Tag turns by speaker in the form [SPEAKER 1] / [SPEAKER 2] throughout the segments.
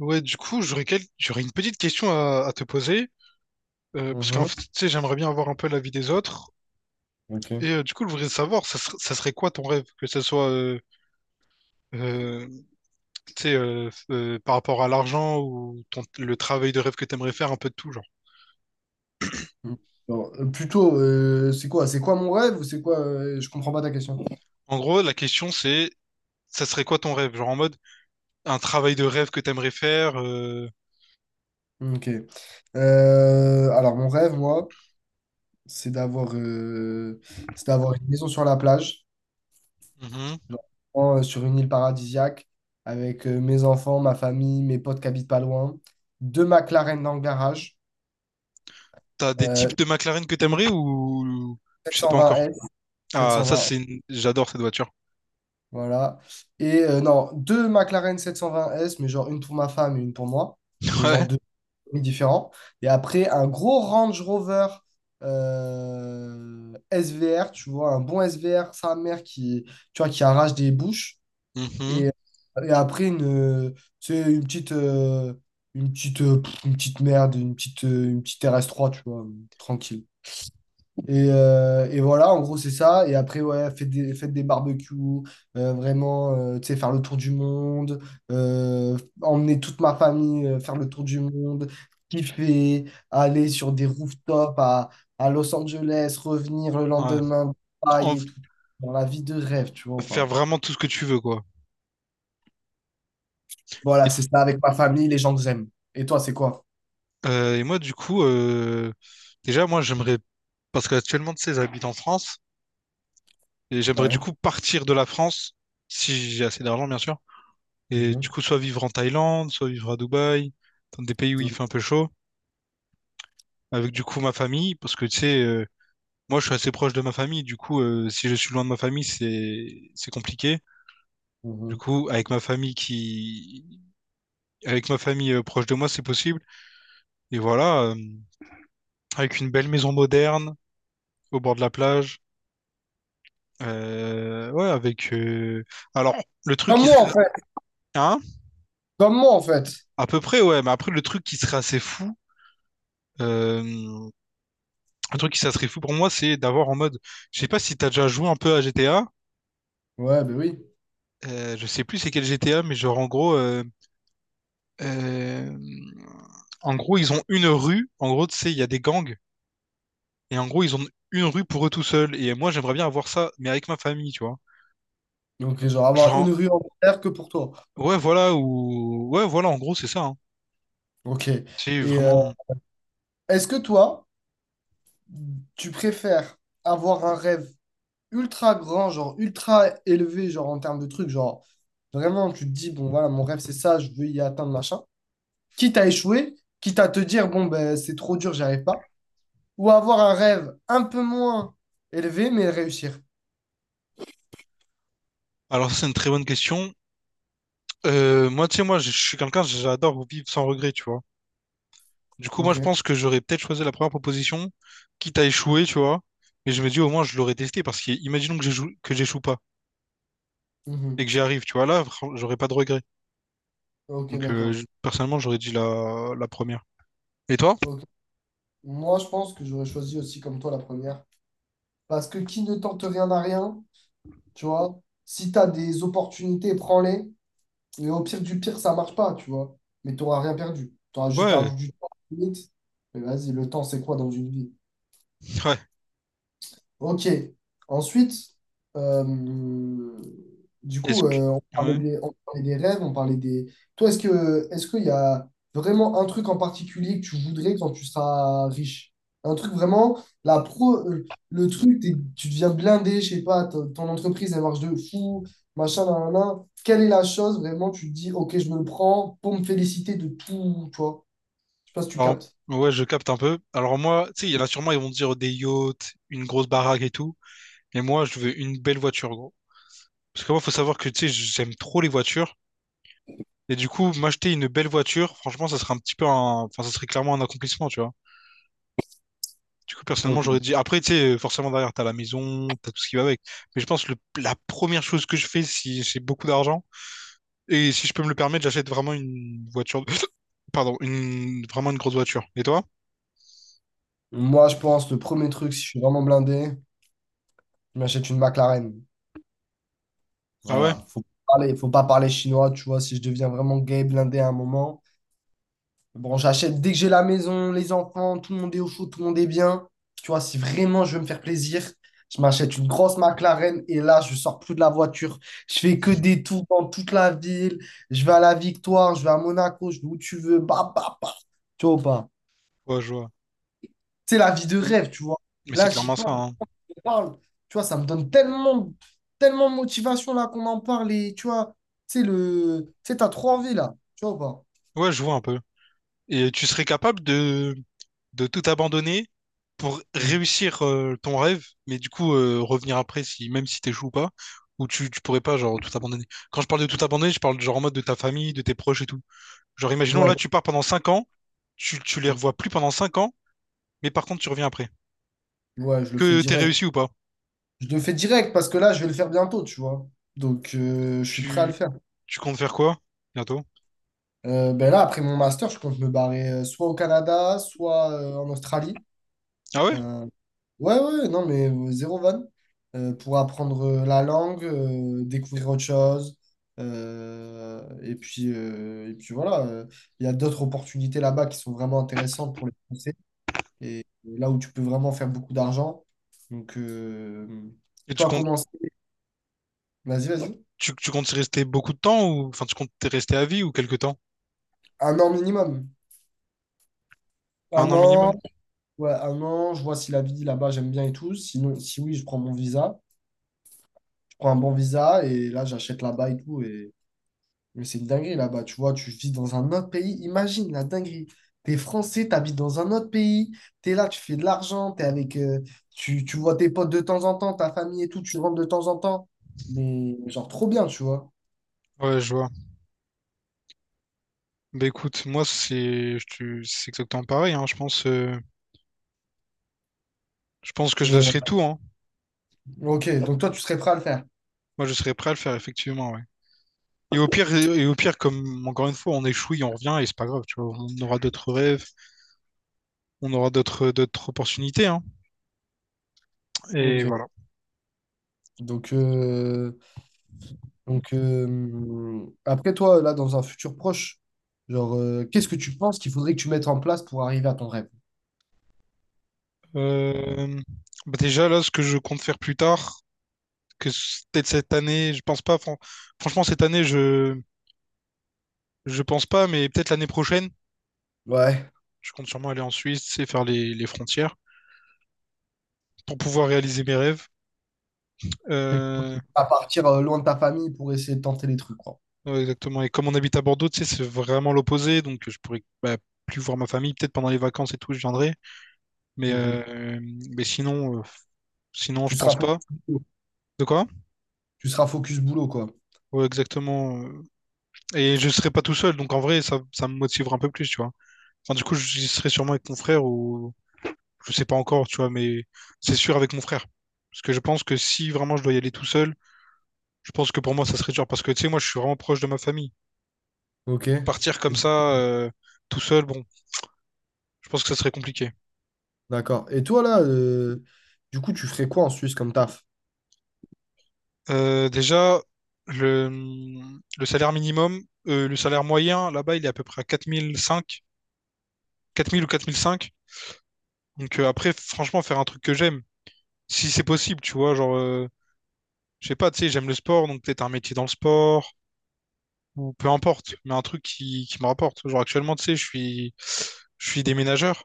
[SPEAKER 1] Ouais, du coup, j'aurais une petite question à te poser, parce qu'en
[SPEAKER 2] Mhm.
[SPEAKER 1] fait, tu sais, j'aimerais bien avoir un peu l'avis des autres.
[SPEAKER 2] Ok.
[SPEAKER 1] Du coup, je voudrais savoir, ça serait quoi ton rêve? Que ce soit, euh, tu sais, par rapport à l'argent le travail de rêve que t'aimerais faire, un peu de tout, genre.
[SPEAKER 2] Mm. Non, plutôt, c'est quoi? C'est quoi mon rêve ou c'est quoi? Je comprends pas ta question.
[SPEAKER 1] En gros, la question, c'est, ça serait quoi ton rêve? Genre en mode, un travail de rêve que t'aimerais faire,
[SPEAKER 2] Ok. Alors, mon rêve, moi, c'est d'avoir euh, c'est d'avoir une maison sur la plage,
[SPEAKER 1] mhm.
[SPEAKER 2] genre, vraiment, sur une île paradisiaque, avec mes enfants, ma famille, mes potes qui habitent pas loin, deux McLaren dans le garage,
[SPEAKER 1] T'as des
[SPEAKER 2] euh,
[SPEAKER 1] types de McLaren que t'aimerais , ou
[SPEAKER 2] sept
[SPEAKER 1] tu sais
[SPEAKER 2] cent
[SPEAKER 1] pas encore?
[SPEAKER 2] vingt s sept
[SPEAKER 1] Ah,
[SPEAKER 2] cent vingt
[SPEAKER 1] j'adore cette voiture.
[SPEAKER 2] voilà. Et non, deux McLaren 720S, mais genre une pour ma femme et une pour moi. Et
[SPEAKER 1] Ouais.
[SPEAKER 2] genre différents. Et après, un gros Range Rover, SVR, tu vois, un bon SVR sa mère qui, tu vois, qui arrache des bouches.
[SPEAKER 1] Mhm.
[SPEAKER 2] Et, et après, une, tu sais, une petite, une petite, une petite merde, une petite RS3, tu vois, tranquille. Et voilà, en gros, c'est ça. Et après, ouais, faites des barbecues, vraiment, tu sais, faire le tour du monde, emmener toute ma famille faire le tour du monde, kiffer, aller sur des rooftops à Los Angeles, revenir le lendemain,
[SPEAKER 1] Ouais,
[SPEAKER 2] Dubaï et tout. Dans la vie de rêve, tu vois ou
[SPEAKER 1] faire
[SPEAKER 2] pas?
[SPEAKER 1] vraiment tout ce que tu veux, quoi.
[SPEAKER 2] Voilà,
[SPEAKER 1] Et,
[SPEAKER 2] c'est ça avec ma famille, les gens que j'aime. Et toi, c'est quoi?
[SPEAKER 1] et moi, du coup, déjà, moi, j'aimerais, parce qu'actuellement, tu sais, j'habite en France, et j'aimerais du
[SPEAKER 2] Ouais.
[SPEAKER 1] coup partir de la France, si j'ai assez d'argent, bien sûr, et du
[SPEAKER 2] Mhm.
[SPEAKER 1] coup, soit vivre en Thaïlande, soit vivre à Dubaï, dans des pays où il
[SPEAKER 2] Mhm.
[SPEAKER 1] fait un peu chaud, avec du coup ma famille, parce que tu sais, moi, je suis assez proche de ma famille, du coup, si je suis loin de ma famille, c'est compliqué. Du
[SPEAKER 2] Mhm.
[SPEAKER 1] coup, avec ma famille proche de moi, c'est possible. Et voilà, avec une belle maison moderne au bord de la plage. Ouais, avec. Alors, ouais, le truc
[SPEAKER 2] Comme
[SPEAKER 1] qui
[SPEAKER 2] moi,
[SPEAKER 1] serait.
[SPEAKER 2] en fait.
[SPEAKER 1] Hein?
[SPEAKER 2] Comme moi, en fait.
[SPEAKER 1] À peu près, ouais, mais après, le truc qui serait assez fou. euh, Un truc qui ça serait fou pour moi, c'est d'avoir en mode. Je sais pas si t'as déjà joué un peu à GTA.
[SPEAKER 2] Ouais, ben oui.
[SPEAKER 1] Je sais plus c'est quel GTA, mais genre, en gros. Euh, En gros, ils ont une rue. En gros, tu sais, il y a des gangs. Et en gros, ils ont une rue pour eux tout seuls. Et moi, j'aimerais bien avoir ça, mais avec ma famille, tu vois.
[SPEAKER 2] Donc, genre, avoir une
[SPEAKER 1] Genre,
[SPEAKER 2] rue entière que pour toi.
[SPEAKER 1] ouais, voilà, ou, ouais, voilà, en gros, c'est ça, hein.
[SPEAKER 2] Ok.
[SPEAKER 1] C'est
[SPEAKER 2] Et
[SPEAKER 1] vraiment.
[SPEAKER 2] est-ce que toi, tu préfères avoir un rêve ultra grand, genre ultra élevé, genre en termes de trucs, genre vraiment tu te dis, bon voilà, mon rêve c'est ça, je veux y atteindre, machin, quitte à échouer, quitte à te dire, bon ben c'est trop dur, j'y arrive pas, ou avoir un rêve un peu moins élevé, mais réussir.
[SPEAKER 1] Alors, ça, c'est une très bonne question. Moi, tu sais, moi, je suis quelqu'un, j'adore vivre sans regret, tu vois. Du coup, moi, je
[SPEAKER 2] Ok.
[SPEAKER 1] pense que j'aurais peut-être choisi la première proposition, quitte à échouer, tu vois. Mais je me dis, au moins, je l'aurais testé, parce que imaginons que j'échoue pas et
[SPEAKER 2] Mhm.
[SPEAKER 1] que j'y arrive, tu vois. J'aurais pas de regret.
[SPEAKER 2] Ok,
[SPEAKER 1] Donc,
[SPEAKER 2] d'accord.
[SPEAKER 1] personnellement, j'aurais dit la première. Et toi?
[SPEAKER 2] Ok. Moi, je pense que j'aurais choisi aussi comme toi la première, parce que qui ne tente rien à rien, tu vois, si tu as des opportunités, prends-les. Et au pire du pire, ça marche pas, tu vois. Mais tu n'auras rien perdu. Tu auras juste
[SPEAKER 1] Ouais,
[SPEAKER 2] perdu du temps, limite. Mais vas-y, le temps, c'est quoi dans une vie?
[SPEAKER 1] ouais.
[SPEAKER 2] Ok. Ensuite, euh, du
[SPEAKER 1] Est-ce
[SPEAKER 2] coup, on
[SPEAKER 1] que... Ouais.
[SPEAKER 2] parlait des, on parlait des rêves, on parlait des. Toi, est-ce qu'il y a vraiment un truc en particulier que tu voudrais quand tu seras riche? Un truc vraiment, la pro, euh, le truc, tu deviens blindé, je sais pas, ton entreprise, elle marche de fou, machin, nan, nan, nan. Quelle est la chose vraiment, tu te dis, ok, je me le prends pour me féliciter de tout, toi? Je sais pas si tu
[SPEAKER 1] Alors,
[SPEAKER 2] captes.
[SPEAKER 1] ouais, je capte un peu. Alors, moi, tu sais, il y en a sûrement, ils vont dire des yachts, une grosse baraque et tout. Mais moi, je veux une belle voiture, gros. Parce que moi, faut savoir que, tu sais, j'aime trop les voitures. Et du coup, m'acheter une belle voiture, franchement, ça serait un petit peu un... Enfin, ça serait clairement un accomplissement, tu vois. Du coup, personnellement,
[SPEAKER 2] Ok.
[SPEAKER 1] j'aurais dit... Après, tu sais, forcément, derrière, t'as la maison, t'as tout ce qui va avec. Mais je pense que la première chose que je fais, si j'ai beaucoup d'argent, et si je peux me le permettre, j'achète vraiment une voiture... Pardon, une... vraiment une grosse voiture. Et toi?
[SPEAKER 2] Moi, je pense, le premier truc, si je suis vraiment blindé, je m'achète une McLaren.
[SPEAKER 1] Ah ouais?
[SPEAKER 2] Voilà, faut pas parler chinois, tu vois, si je deviens vraiment gay, blindé à un moment. Bon, j'achète dès que j'ai la maison, les enfants, tout le monde est au chaud, tout le monde est bien. Tu vois, si vraiment je veux me faire plaisir, je m'achète une grosse McLaren et là, je sors plus de la voiture. Je fais que des tours dans toute la ville. Je vais à la Victoire, je vais à Monaco, je vais où tu veux. Bah, bah, bah. Tu vois ou pas?
[SPEAKER 1] Ouais, je vois.
[SPEAKER 2] C'est la vie de
[SPEAKER 1] Et-
[SPEAKER 2] rêve, tu vois.
[SPEAKER 1] mais c'est
[SPEAKER 2] Là, j'y
[SPEAKER 1] clairement ça,
[SPEAKER 2] pense.
[SPEAKER 1] hein.
[SPEAKER 2] parle. Tu vois, ça me donne tellement, tellement de motivation là qu'on en parle. Et tu vois, tu sais, t'as trop envie là. Tu vois ou pas?
[SPEAKER 1] Ouais, je vois un peu. Et tu serais capable de tout abandonner pour
[SPEAKER 2] Mhm.
[SPEAKER 1] réussir ton rêve, mais du coup revenir après si même si t'échoues ou pas, ou tu pourrais pas genre tout abandonner. Quand je parle de tout abandonner, je parle genre en mode de ta famille, de tes proches et tout. Genre imaginons là
[SPEAKER 2] Ouais.
[SPEAKER 1] tu pars pendant 5 ans, tu les
[SPEAKER 2] Mhm.
[SPEAKER 1] revois plus pendant 5 ans, mais par contre tu reviens après.
[SPEAKER 2] Ouais, je le fais
[SPEAKER 1] Que t'aies
[SPEAKER 2] direct.
[SPEAKER 1] réussi ou pas?
[SPEAKER 2] Je le fais direct parce que là, je vais le faire bientôt, tu vois. Donc, je suis prêt à le
[SPEAKER 1] Tu,
[SPEAKER 2] faire.
[SPEAKER 1] Tu comptes faire quoi bientôt?
[SPEAKER 2] Ben là, après mon master, je compte me barrer soit au Canada, soit en Australie.
[SPEAKER 1] Ah ouais?
[SPEAKER 2] Euh, Ouais, ouais, non, mais zéro vanne. Pour apprendre la langue, découvrir autre chose. Et puis voilà, il y a d'autres opportunités là-bas qui sont vraiment intéressantes pour les Français. Et là où tu peux vraiment faire beaucoup d'argent. Donc,
[SPEAKER 1] Et tu
[SPEAKER 2] toi,
[SPEAKER 1] comptes
[SPEAKER 2] commence. Vas-y, vas-y.
[SPEAKER 1] tu comptes y rester beaucoup de temps ou enfin tu comptes y rester à vie ou quelque temps?
[SPEAKER 2] Un an minimum.
[SPEAKER 1] Un
[SPEAKER 2] Un
[SPEAKER 1] an minimum?
[SPEAKER 2] an, ouais, un an, je vois si la vie là-bas, j'aime bien et tout. Sinon, si oui, je prends mon visa. Je prends un bon visa et là, j'achète là-bas et tout. Mais c'est une dinguerie là-bas, tu vois, tu vis dans un autre pays. Imagine la dinguerie. T'es français, t'habites dans un autre pays, t'es là, tu fais de l'argent, t'es avec, tu vois tes potes de temps en temps, ta famille et tout, tu rentres de temps en temps. Mais genre trop bien, tu vois.
[SPEAKER 1] Ouais, je vois. Bah écoute, moi c'est c'est exactement pareil, hein. Je pense que je
[SPEAKER 2] Mais
[SPEAKER 1] lâcherai tout, hein.
[SPEAKER 2] ok, donc toi, tu serais prêt à le faire.
[SPEAKER 1] Moi, je serais prêt à le faire, effectivement, ouais. Et au pire, comme encore une fois, on échoue et on revient, et c'est pas grave, tu vois. On aura d'autres rêves, on aura d'autres opportunités, hein. Et
[SPEAKER 2] Ok.
[SPEAKER 1] voilà.
[SPEAKER 2] Donc, euh, donc, après toi, là, dans un futur proche, genre, qu'est-ce que tu penses qu'il faudrait que tu mettes en place pour arriver à ton rêve?
[SPEAKER 1] Euh, bah déjà, là, ce que je compte faire plus tard, peut-être cette année, je pense pas, franchement, cette année, je pense pas, mais peut-être l'année prochaine,
[SPEAKER 2] Ouais.
[SPEAKER 1] je compte sûrement aller en Suisse et faire les frontières pour pouvoir réaliser mes rêves. Euh,
[SPEAKER 2] À partir loin de ta famille pour essayer de tenter les trucs, quoi.
[SPEAKER 1] Ouais, exactement. Et comme on habite à Bordeaux, tu sais, c'est vraiment l'opposé. Donc, je pourrais bah, plus voir ma famille. Peut-être pendant les vacances et tout, je viendrai. Mais,
[SPEAKER 2] Mhm.
[SPEAKER 1] euh, mais sinon,
[SPEAKER 2] Tu
[SPEAKER 1] je
[SPEAKER 2] seras
[SPEAKER 1] pense
[SPEAKER 2] focus
[SPEAKER 1] pas.
[SPEAKER 2] boulot.
[SPEAKER 1] De quoi?
[SPEAKER 2] Tu seras focus boulot, quoi.
[SPEAKER 1] Ouais, exactement. Euh, et je serai pas tout seul. Donc, en vrai, ça me motivera un peu plus, tu vois. Enfin, du coup, j'y serai sûrement avec mon frère ou je sais pas encore, tu vois, mais c'est sûr avec mon frère. Parce que je pense que si vraiment je dois y aller tout seul, je pense que pour moi, ça serait dur. Parce que, tu sais, moi, je suis vraiment proche de ma famille.
[SPEAKER 2] Ok.
[SPEAKER 1] Partir comme
[SPEAKER 2] Du-
[SPEAKER 1] ça, tout seul, bon, je pense que ça serait compliqué.
[SPEAKER 2] D'accord. Et toi, là, du coup, tu ferais quoi en Suisse comme taf?
[SPEAKER 1] Déjà, le, le salaire minimum, le salaire moyen, là-bas, il est à peu près à quatre mille cinq, 4 000 ou 4005. Donc après, franchement, faire un truc que j'aime, si c'est possible, tu vois, genre, je sais pas, tu sais, j'aime le sport, donc peut-être un métier dans le sport, ou peu importe, mais un truc qui me rapporte. Genre actuellement, tu sais, je suis déménageur.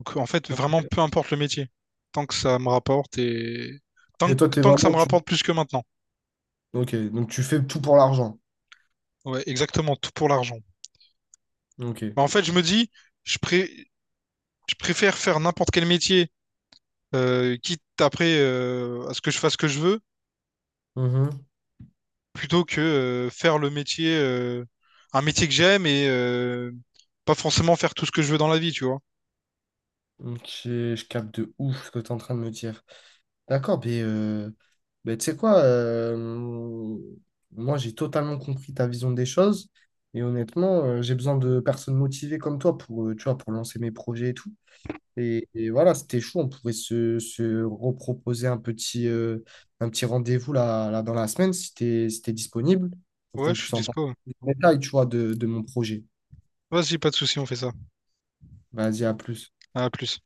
[SPEAKER 1] Donc en fait,
[SPEAKER 2] Ok.
[SPEAKER 1] vraiment, peu importe le métier, tant que ça me rapporte et
[SPEAKER 2] Et toi, t'es
[SPEAKER 1] tant que ça
[SPEAKER 2] vraiment...
[SPEAKER 1] me
[SPEAKER 2] Tu...
[SPEAKER 1] rapporte plus que maintenant.
[SPEAKER 2] Ok, donc tu fais tout pour l'argent.
[SPEAKER 1] Ouais, exactement, tout pour l'argent.
[SPEAKER 2] Ok.
[SPEAKER 1] Bah, en fait, je me dis... Je, pré- Je préfère faire n'importe quel métier, quitte après à ce que je fasse ce que je veux,
[SPEAKER 2] Mhm.
[SPEAKER 1] plutôt que faire le métier, un métier que j'aime et pas forcément faire tout ce que je veux dans la vie, tu vois.
[SPEAKER 2] Ok, je capte de ouf ce que tu es en train de me dire. D'accord, mais tu sais quoi, moi j'ai totalement compris ta vision des choses et honnêtement, j'ai besoin de personnes motivées comme toi tu vois, pour lancer mes projets et tout. Et voilà, c'était chaud. On pouvait se reproposer un petit rendez-vous là dans la semaine si t'es disponible pour
[SPEAKER 1] Ouais,
[SPEAKER 2] qu'on
[SPEAKER 1] je suis
[SPEAKER 2] puisse en parler
[SPEAKER 1] dispo.
[SPEAKER 2] plus en détail, tu vois, de mon projet.
[SPEAKER 1] Vas-y, pas de souci, on fait ça.
[SPEAKER 2] Vas-y, à plus.
[SPEAKER 1] À plus.